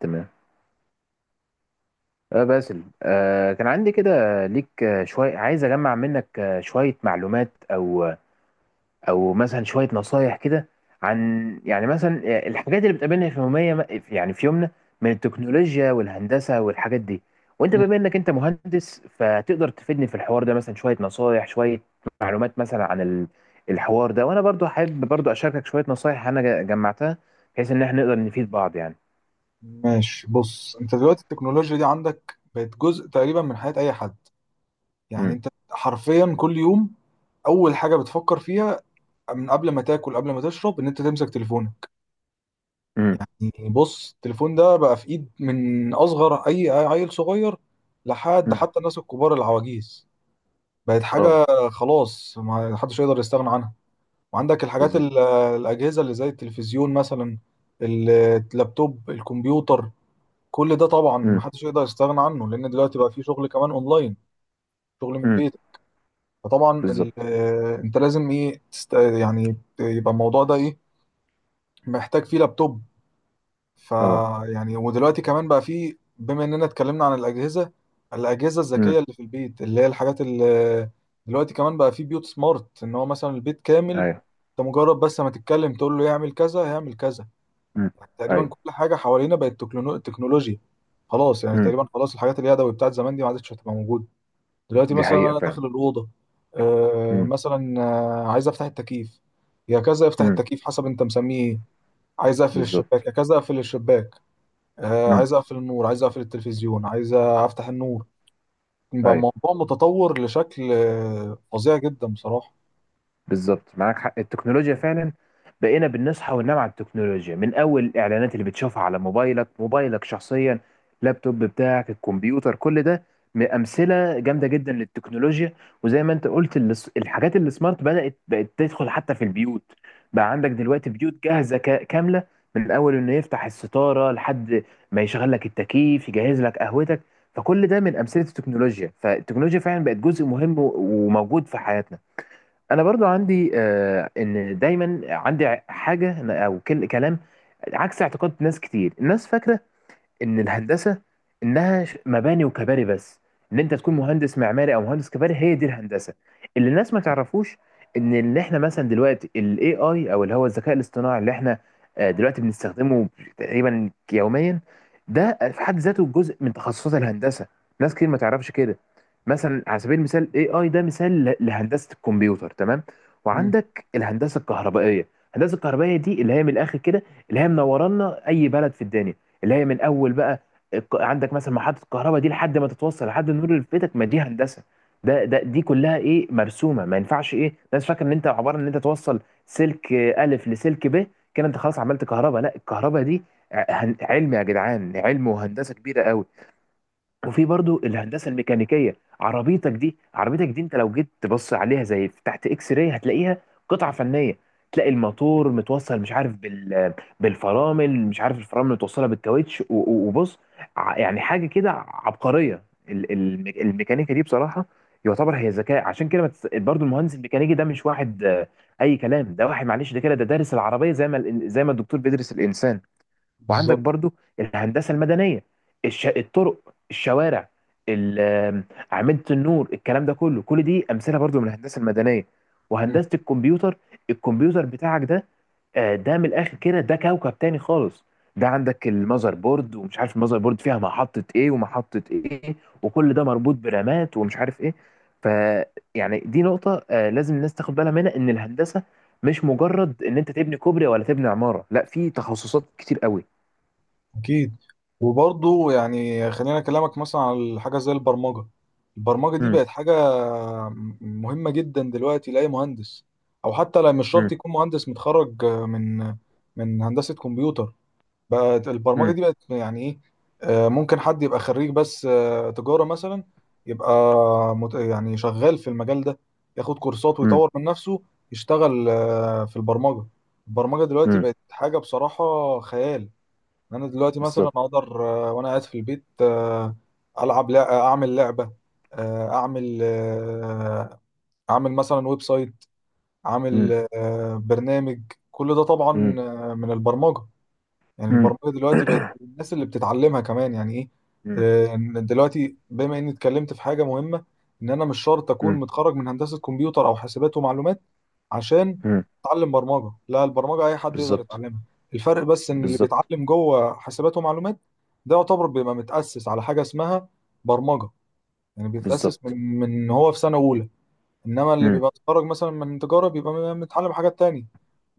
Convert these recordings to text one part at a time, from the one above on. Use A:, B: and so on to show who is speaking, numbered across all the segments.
A: تمام. باسل، كان عندي كده ليك شوية. عايز أجمع منك شوية معلومات، أو مثلا شوية نصايح كده عن، يعني مثلا، الحاجات اللي بتقابلنا في يومية، يعني في يومنا، من التكنولوجيا والهندسة والحاجات دي. وأنت
B: مم.
A: بما إنك أنت مهندس فتقدر تفيدني في الحوار ده. مثلا شوية نصايح، شوية معلومات مثلا عن الحوار ده. وأنا برضو حابب برضو أشاركك شوية نصايح أنا جمعتها بحيث إن إحنا نقدر نفيد بعض يعني.
B: ماشي، بص انت دلوقتي التكنولوجيا دي عندك بقت جزء تقريبا من حياة اي حد. يعني
A: امم.
B: انت حرفيا كل يوم اول حاجة بتفكر فيها من قبل ما تاكل قبل ما تشرب ان انت تمسك تليفونك.
A: امم.
B: يعني بص، التليفون ده بقى في ايد من اصغر اي عيل صغير لحد
A: امم.
B: حتى الناس الكبار العواجيز. بقت
A: اه.
B: حاجة خلاص ما حدش يقدر يستغنى عنها. وعندك الحاجات
A: بالظبط.
B: الاجهزة اللي زي التلفزيون مثلا، اللابتوب، الكمبيوتر. كل ده طبعا
A: مم.
B: محدش يقدر يستغنى عنه لان دلوقتي بقى في شغل كمان اونلاين، شغل من
A: مم.
B: البيت. فطبعا
A: بالظبط.
B: انت لازم ايه يعني يبقى الموضوع ده ايه، محتاج فيه لابتوب.
A: اه.
B: فيعني ودلوقتي كمان بقى فيه، بما اننا اتكلمنا عن الاجهزه، الاجهزه الذكيه
A: امم.
B: اللي في البيت، اللي هي الحاجات اللي دلوقتي كمان بقى فيه بيوت سمارت. ان هو مثلا البيت كامل
A: ايوه.
B: انت مجرد بس ما تتكلم تقول له يعمل كذا هيعمل كذا.
A: امم.
B: تقريبا
A: ايوه.
B: كل حاجه حوالينا بقت تكنولوجيا. خلاص يعني
A: امم.
B: تقريبا خلاص، الحاجات اليدوي بتاعت زمان دي ما عادتش هتبقى موجوده. دلوقتي
A: دي
B: مثلا
A: حقيقة
B: انا
A: فعلا.
B: داخل الاوضه،
A: امم.
B: مثلا عايز افتح التكييف، يا كذا افتح
A: امم.
B: التكييف حسب انت مسميه ايه. عايز اقفل الشباك،
A: بالظبط.
B: يا كذا اقفل الشباك.
A: امم.
B: عايز اقفل النور، عايز اقفل التلفزيون، عايز افتح النور. بقى
A: ايوه.
B: الموضوع متطور لشكل فظيع جدا بصراحه.
A: بالظبط، معاك حق، التكنولوجيا فعلا بقينا بنصحى وننام على التكنولوجيا، من اول الاعلانات اللي بتشوفها على موبايلك، موبايلك شخصيا، اللابتوب بتاعك، الكمبيوتر، كل ده امثله جامده جدا للتكنولوجيا. وزي ما انت قلت، الحاجات اللي سمارت بدات بقت تدخل حتى في البيوت. بقى عندك دلوقتي بيوت جاهزه كامله، من اول انه يفتح الستاره لحد ما يشغل لك التكييف، يجهز لك قهوتك. فكل ده من امثله التكنولوجيا، فالتكنولوجيا فعلا بقت جزء مهم وموجود في حياتنا. انا برضو عندي، ان دايما عندي حاجه او كلام عكس اعتقاد ناس كتير. الناس فاكره ان الهندسه، انها مباني وكباري بس، ان انت تكون مهندس معماري او مهندس كباري هي دي الهندسه. اللي الناس ما تعرفوش، ان احنا مثلا دلوقتي الاي اي، او اللي هو الذكاء الاصطناعي اللي احنا دلوقتي بنستخدمه تقريبا يوميا، ده في حد ذاته جزء من تخصصات الهندسه. ناس كتير ما تعرفش كده. مثلا على سبيل المثال الاي اي ده مثال لهندسه الكمبيوتر، تمام.
B: مم،
A: وعندك الهندسه الكهربائيه. الهندسه الكهربائيه دي اللي هي من الاخر كده اللي هي منورانا اي بلد في الدنيا، اللي هي من اول بقى عندك مثلا محطه الكهرباء دي لحد ما تتوصل لحد النور اللي في بيتك، ما دي هندسه. ده دي كلها ايه، مرسومه. ما ينفعش ايه، الناس فاكره ان انت عباره ان انت توصل سلك الف لسلك ب، كده انت خلاص عملت كهرباء. لا، الكهرباء دي علم يا جدعان، علم وهندسه كبيره قوي. وفي برضو الهندسه الميكانيكيه. عربيتك دي انت لو جيت تبص عليها زي تحت اكس راي هتلاقيها قطعه فنيه. تلاقي الموتور متوصل، مش عارف، بالفرامل، مش عارف الفرامل متوصله بالكاوتش وبص يعني حاجه كده عبقريه. الميكانيكا دي بصراحه يعتبر هي ذكاء. عشان كده ما تس- برضو المهندس الميكانيكي ده مش واحد، اي كلام. ده واحد معلش ده كده، ده دارس العربيه زي ما زي ما الدكتور بيدرس الانسان. وعندك
B: بالظبط.
A: برضو الهندسه المدنيه، الطرق، الشوارع، ال- آم، اعمده النور، الكلام ده كله، كل دي امثله برضو من الهندسه المدنيه. وهندسه الكمبيوتر، الكمبيوتر بتاعك ده، ده من الاخر كده ده كوكب تاني خالص. ده عندك المذر بورد، ومش عارف المذر بورد فيها محطة ايه ومحطة ايه، وكل ده مربوط برامات، ومش عارف ايه. ف يعني دي نقطة لازم الناس تاخد بالها منها، ان الهندسة مش مجرد ان انت تبني كوبري ولا تبني عمارة، لا، في تخصصات كتير قوي.
B: اكيد. وبرضه يعني خلينا اكلمك مثلا على حاجه زي البرمجه. البرمجه دي
A: مم.
B: بقت حاجه مهمه جدا دلوقتي لاي مهندس، او حتى لا، مش شرط
A: مم.
B: يكون مهندس متخرج من هندسه كمبيوتر. بقت البرمجه
A: مم.
B: دي بقت يعني ايه، ممكن حد يبقى خريج بس تجاره مثلا. يبقى يعني شغال في المجال ده، ياخد كورسات
A: مم.
B: ويطور من نفسه، يشتغل في البرمجه. البرمجه دلوقتي
A: مم.
B: بقت حاجه بصراحه خيال. انا دلوقتي مثلا
A: بالظبط.
B: اقدر وانا قاعد في البيت العب اعمل لعبه، اعمل اعمل مثلا ويب سايت، اعمل
A: مم.
B: برنامج. كل ده
A: مم.
B: طبعا من البرمجه. يعني
A: مم.
B: البرمجه دلوقتي بقت الناس اللي بتتعلمها كمان يعني ايه،
A: مم.
B: إن دلوقتي بما اني اتكلمت في حاجه مهمه، ان انا مش شرط اكون
A: مم.
B: متخرج من هندسه كمبيوتر او حاسبات ومعلومات عشان
A: مم.
B: اتعلم برمجه. لا، البرمجه اي حد يقدر
A: بالظبط.
B: يتعلمها. الفرق بس ان اللي
A: بالظبط.
B: بيتعلم جوه حاسبات ومعلومات ده يعتبر بيبقى متاسس على حاجه اسمها برمجه. يعني بيتاسس
A: بالظبط.
B: من هو في سنه اولى. انما اللي
A: مم.
B: بيبقى متخرج مثلا من تجاره بيبقى متعلم حاجات تانية.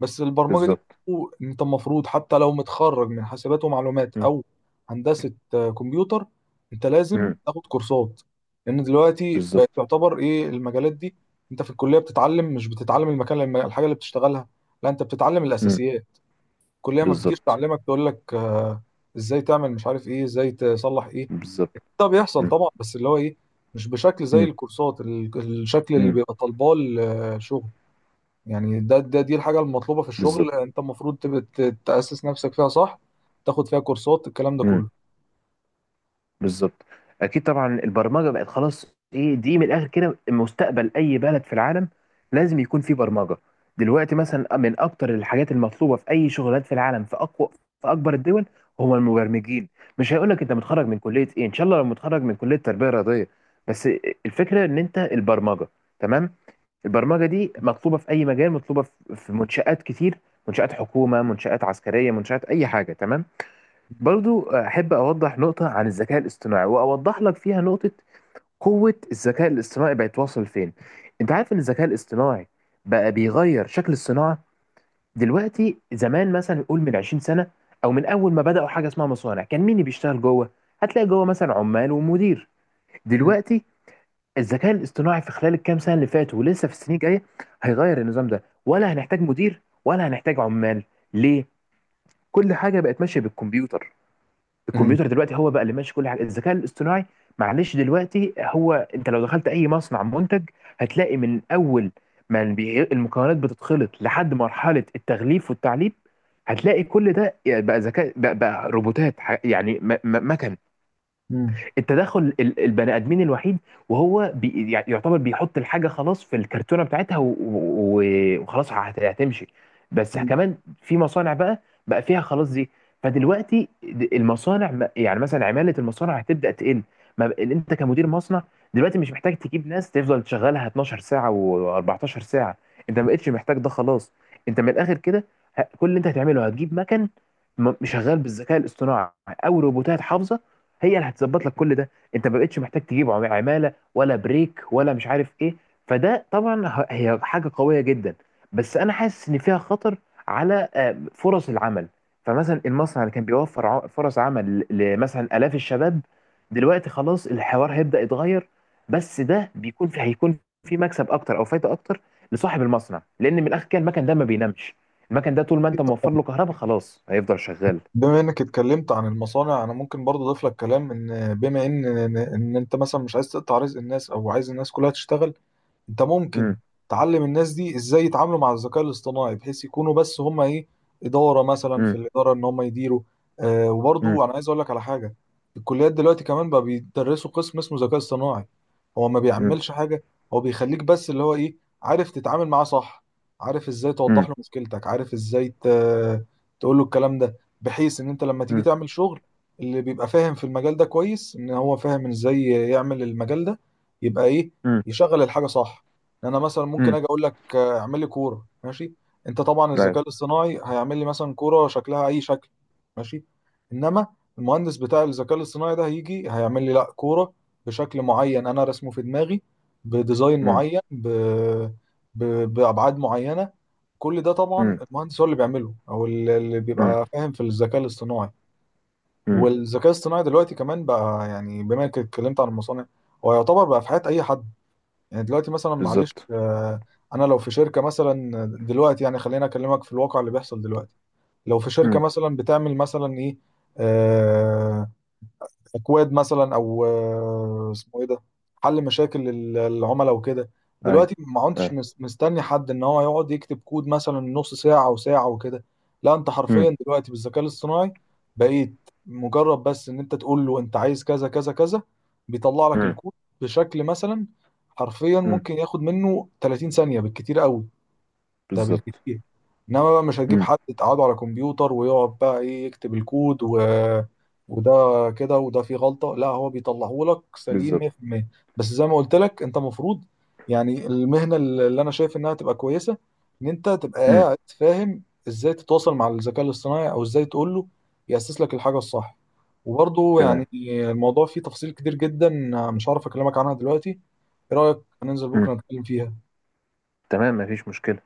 B: بس البرمجه دي
A: بالظبط.
B: برضو انت المفروض حتى لو متخرج من حاسبات ومعلومات
A: مم.
B: او هندسه كمبيوتر، انت لازم
A: مم.
B: تاخد كورسات، لان دلوقتي بقت
A: بالظبط.
B: تعتبر ايه المجالات دي. انت في الكليه بتتعلم، مش بتتعلم المكان، الحاجه اللي بتشتغلها، لا انت بتتعلم
A: مم.
B: الاساسيات. الكليه ما بتجيش
A: بالظبط.
B: تعلمك تقول لك ازاي تعمل مش عارف ايه، ازاي تصلح ايه.
A: بالظبط.
B: ده بيحصل
A: مم.
B: طبعا بس اللي هو ايه، مش بشكل زي
A: مم.
B: الكورسات، الشكل اللي
A: مم.
B: بيبقى طالباه الشغل. يعني ده, ده دي الحاجه المطلوبه في الشغل،
A: بالظبط.
B: انت المفروض تبقى تاسس نفسك فيها صح، تاخد فيها كورسات الكلام ده
A: مم.
B: كله.
A: بالظبط. اكيد طبعا البرمجه بقت خلاص ايه، دي من الاخر كده مستقبل اي بلد في العالم، لازم يكون فيه برمجه. دلوقتي مثلا من اكتر الحاجات المطلوبه في اي شغلات في العالم، في اقوى، في اكبر الدول، هم المبرمجين. مش هيقول لك انت متخرج من كليه ايه، ان شاء الله لو متخرج من كليه تربيه رياضيه بس، الفكره ان انت البرمجه، تمام. البرمجه دي مطلوبه في اي مجال، مطلوبه في، في منشات كتير، منشات حكومه، منشات عسكريه، منشات اي حاجه، تمام. برضو أحب أوضح نقطة عن الذكاء الاصطناعي، وأوضح لك فيها نقطة قوة الذكاء الاصطناعي بقت واصل فين. أنت عارف إن الذكاء الاصطناعي بقى بيغير شكل الصناعة دلوقتي. زمان مثلا يقول من 20 سنة، أو من أول ما بدأوا حاجة اسمها مصانع، كان مين اللي بيشتغل جوه؟ هتلاقي جوه مثلا عمال ومدير.
B: مم.
A: دلوقتي الذكاء الاصطناعي في خلال الكام سنة اللي فاتوا ولسه في السنين الجاية هيغير النظام ده. ولا هنحتاج مدير ولا هنحتاج عمال. ليه؟ كل حاجة بقت ماشية بالكمبيوتر.
B: مم.
A: الكمبيوتر دلوقتي هو بقى اللي ماشي كل حاجه، الذكاء الاصطناعي. معلش، دلوقتي هو انت لو دخلت اي مصنع منتج هتلاقي من اول ما المكونات بتتخلط لحد مرحله التغليف والتعليب، هتلاقي كل ده بقى ذكاء، بقى روبوتات، يعني مكن.
B: مم.
A: التدخل البني ادمين الوحيد وهو يعني يعتبر بيحط الحاجه خلاص في الكرتونه بتاعتها وخلاص هتمشي بس.
B: مم.
A: كمان في مصانع بقى، بقى فيها خلاص دي. فدلوقتي المصانع يعني مثلا عماله المصانع هتبدا تقل. ما ب- انت كمدير مصنع دلوقتي مش محتاج تجيب ناس تفضل تشغلها 12 ساعه و14 ساعه. انت ما بقتش محتاج ده، خلاص. انت من الاخر كده كل اللي انت هتعمله هتجيب مكن شغال بالذكاء الاصطناعي او روبوتات حافظه، هي اللي هتظبط لك كل ده. انت ما بقتش محتاج تجيب عماله ولا بريك ولا مش عارف ايه. فده طبعا هي حاجه قويه جدا، بس انا حاسس ان فيها خطر على فرص العمل. فمثلا المصنع اللي كان بيوفر فرص عمل لمثلا الاف الشباب، دلوقتي خلاص الحوار هيبدا يتغير. بس ده بيكون في، هيكون في مكسب اكتر او فايده اكتر لصاحب المصنع، لان من الاخر كده المكن ده ما بينامش. المكن ده طول ما انت موفر له كهرباء خلاص هيفضل شغال.
B: بما انك اتكلمت عن المصانع، انا ممكن برضه اضيف لك كلام ان بما ان ان إن انت مثلا مش عايز تقطع رزق الناس او عايز الناس كلها تشتغل. انت ممكن
A: امم.
B: تعلم الناس دي ازاي يتعاملوا مع الذكاء الاصطناعي بحيث يكونوا بس هم ايه، اداره مثلا، في
A: امم.
B: الاداره ان هم يديروا.
A: امم.
B: وبرضه انا عايز اقول لك على حاجه. الكليات دلوقتي كمان بقى بيدرسوا قسم اسمه ذكاء اصطناعي. هو ما
A: امم.
B: بيعملش حاجه، هو بيخليك بس اللي هو ايه، عارف تتعامل معاه صح، عارف ازاي توضح
A: امم.
B: له مشكلتك، عارف ازاي تقول له الكلام ده، بحيث ان انت لما تيجي
A: امم.
B: تعمل شغل اللي بيبقى فاهم في المجال ده كويس ان هو فاهم ازاي يعمل المجال ده يبقى ايه،
A: امم.
B: يشغل الحاجه صح. إن انا مثلا ممكن
A: امم.
B: اجي اقول لك اعمل لي كوره ماشي. انت طبعا الذكاء
A: ايوه.
B: الاصطناعي هيعمل لي مثلا كوره شكلها اي شكل ماشي. انما المهندس بتاع الذكاء الاصطناعي ده هيجي هيعمل لي لا كوره بشكل معين انا رسمه في دماغي، بديزاين
A: امم.
B: معين، ب... بابعاد معينه. كل ده طبعا
A: امم.
B: المهندس هو اللي بيعمله او اللي
A: امم.
B: بيبقى فاهم في الذكاء الاصطناعي.
A: امم.
B: والذكاء الاصطناعي دلوقتي كمان بقى، يعني بما انك اتكلمت عن المصانع، هو يعتبر بقى في حياة اي حد. يعني دلوقتي مثلا معلش
A: بالظبط.
B: انا لو في شركة مثلا دلوقتي، يعني خلينا اكلمك في الواقع اللي بيحصل دلوقتي، لو في شركة
A: امم.
B: مثلا بتعمل مثلا ايه، آه، اكواد مثلا او اسمه ايه ده، حل مشاكل العملاء وكده.
A: ايوه.
B: دلوقتي ما كنتش
A: ايوه.
B: مستني حد ان هو يقعد يكتب كود مثلا نص ساعة وساعة وكده. لا انت
A: امم.
B: حرفيا دلوقتي بالذكاء الاصطناعي بقيت مجرد بس ان انت تقول له انت عايز كذا كذا كذا، بيطلع لك
A: امم.
B: الكود بشكل مثلا، حرفيا
A: امم.
B: ممكن ياخد منه 30 ثانية بالكتير قوي. ده
A: بالظبط.
B: بالكتير. انما بقى مش هتجيب
A: امم.
B: حد تقعده على كمبيوتر ويقعد بقى ايه يكتب الكود وده كده، وده فيه غلطة. لا، هو بيطلعه لك سليم
A: بالظبط.
B: 100%. بس زي ما قلت لك انت المفروض، يعني المهنة اللي انا شايف انها تبقى كويسة ان انت تبقى
A: امم.
B: قاعد فاهم ازاي تتواصل مع الذكاء الاصطناعي او ازاي تقول له يأسس لك الحاجة الصح. وبرضه يعني
A: تمام.
B: الموضوع فيه تفاصيل كتير جدا، مش عارف اكلمك عنها دلوقتي. ايه رأيك ننزل
A: امم.
B: بكرة نتكلم فيها؟
A: تمام، مفيش مشكلة.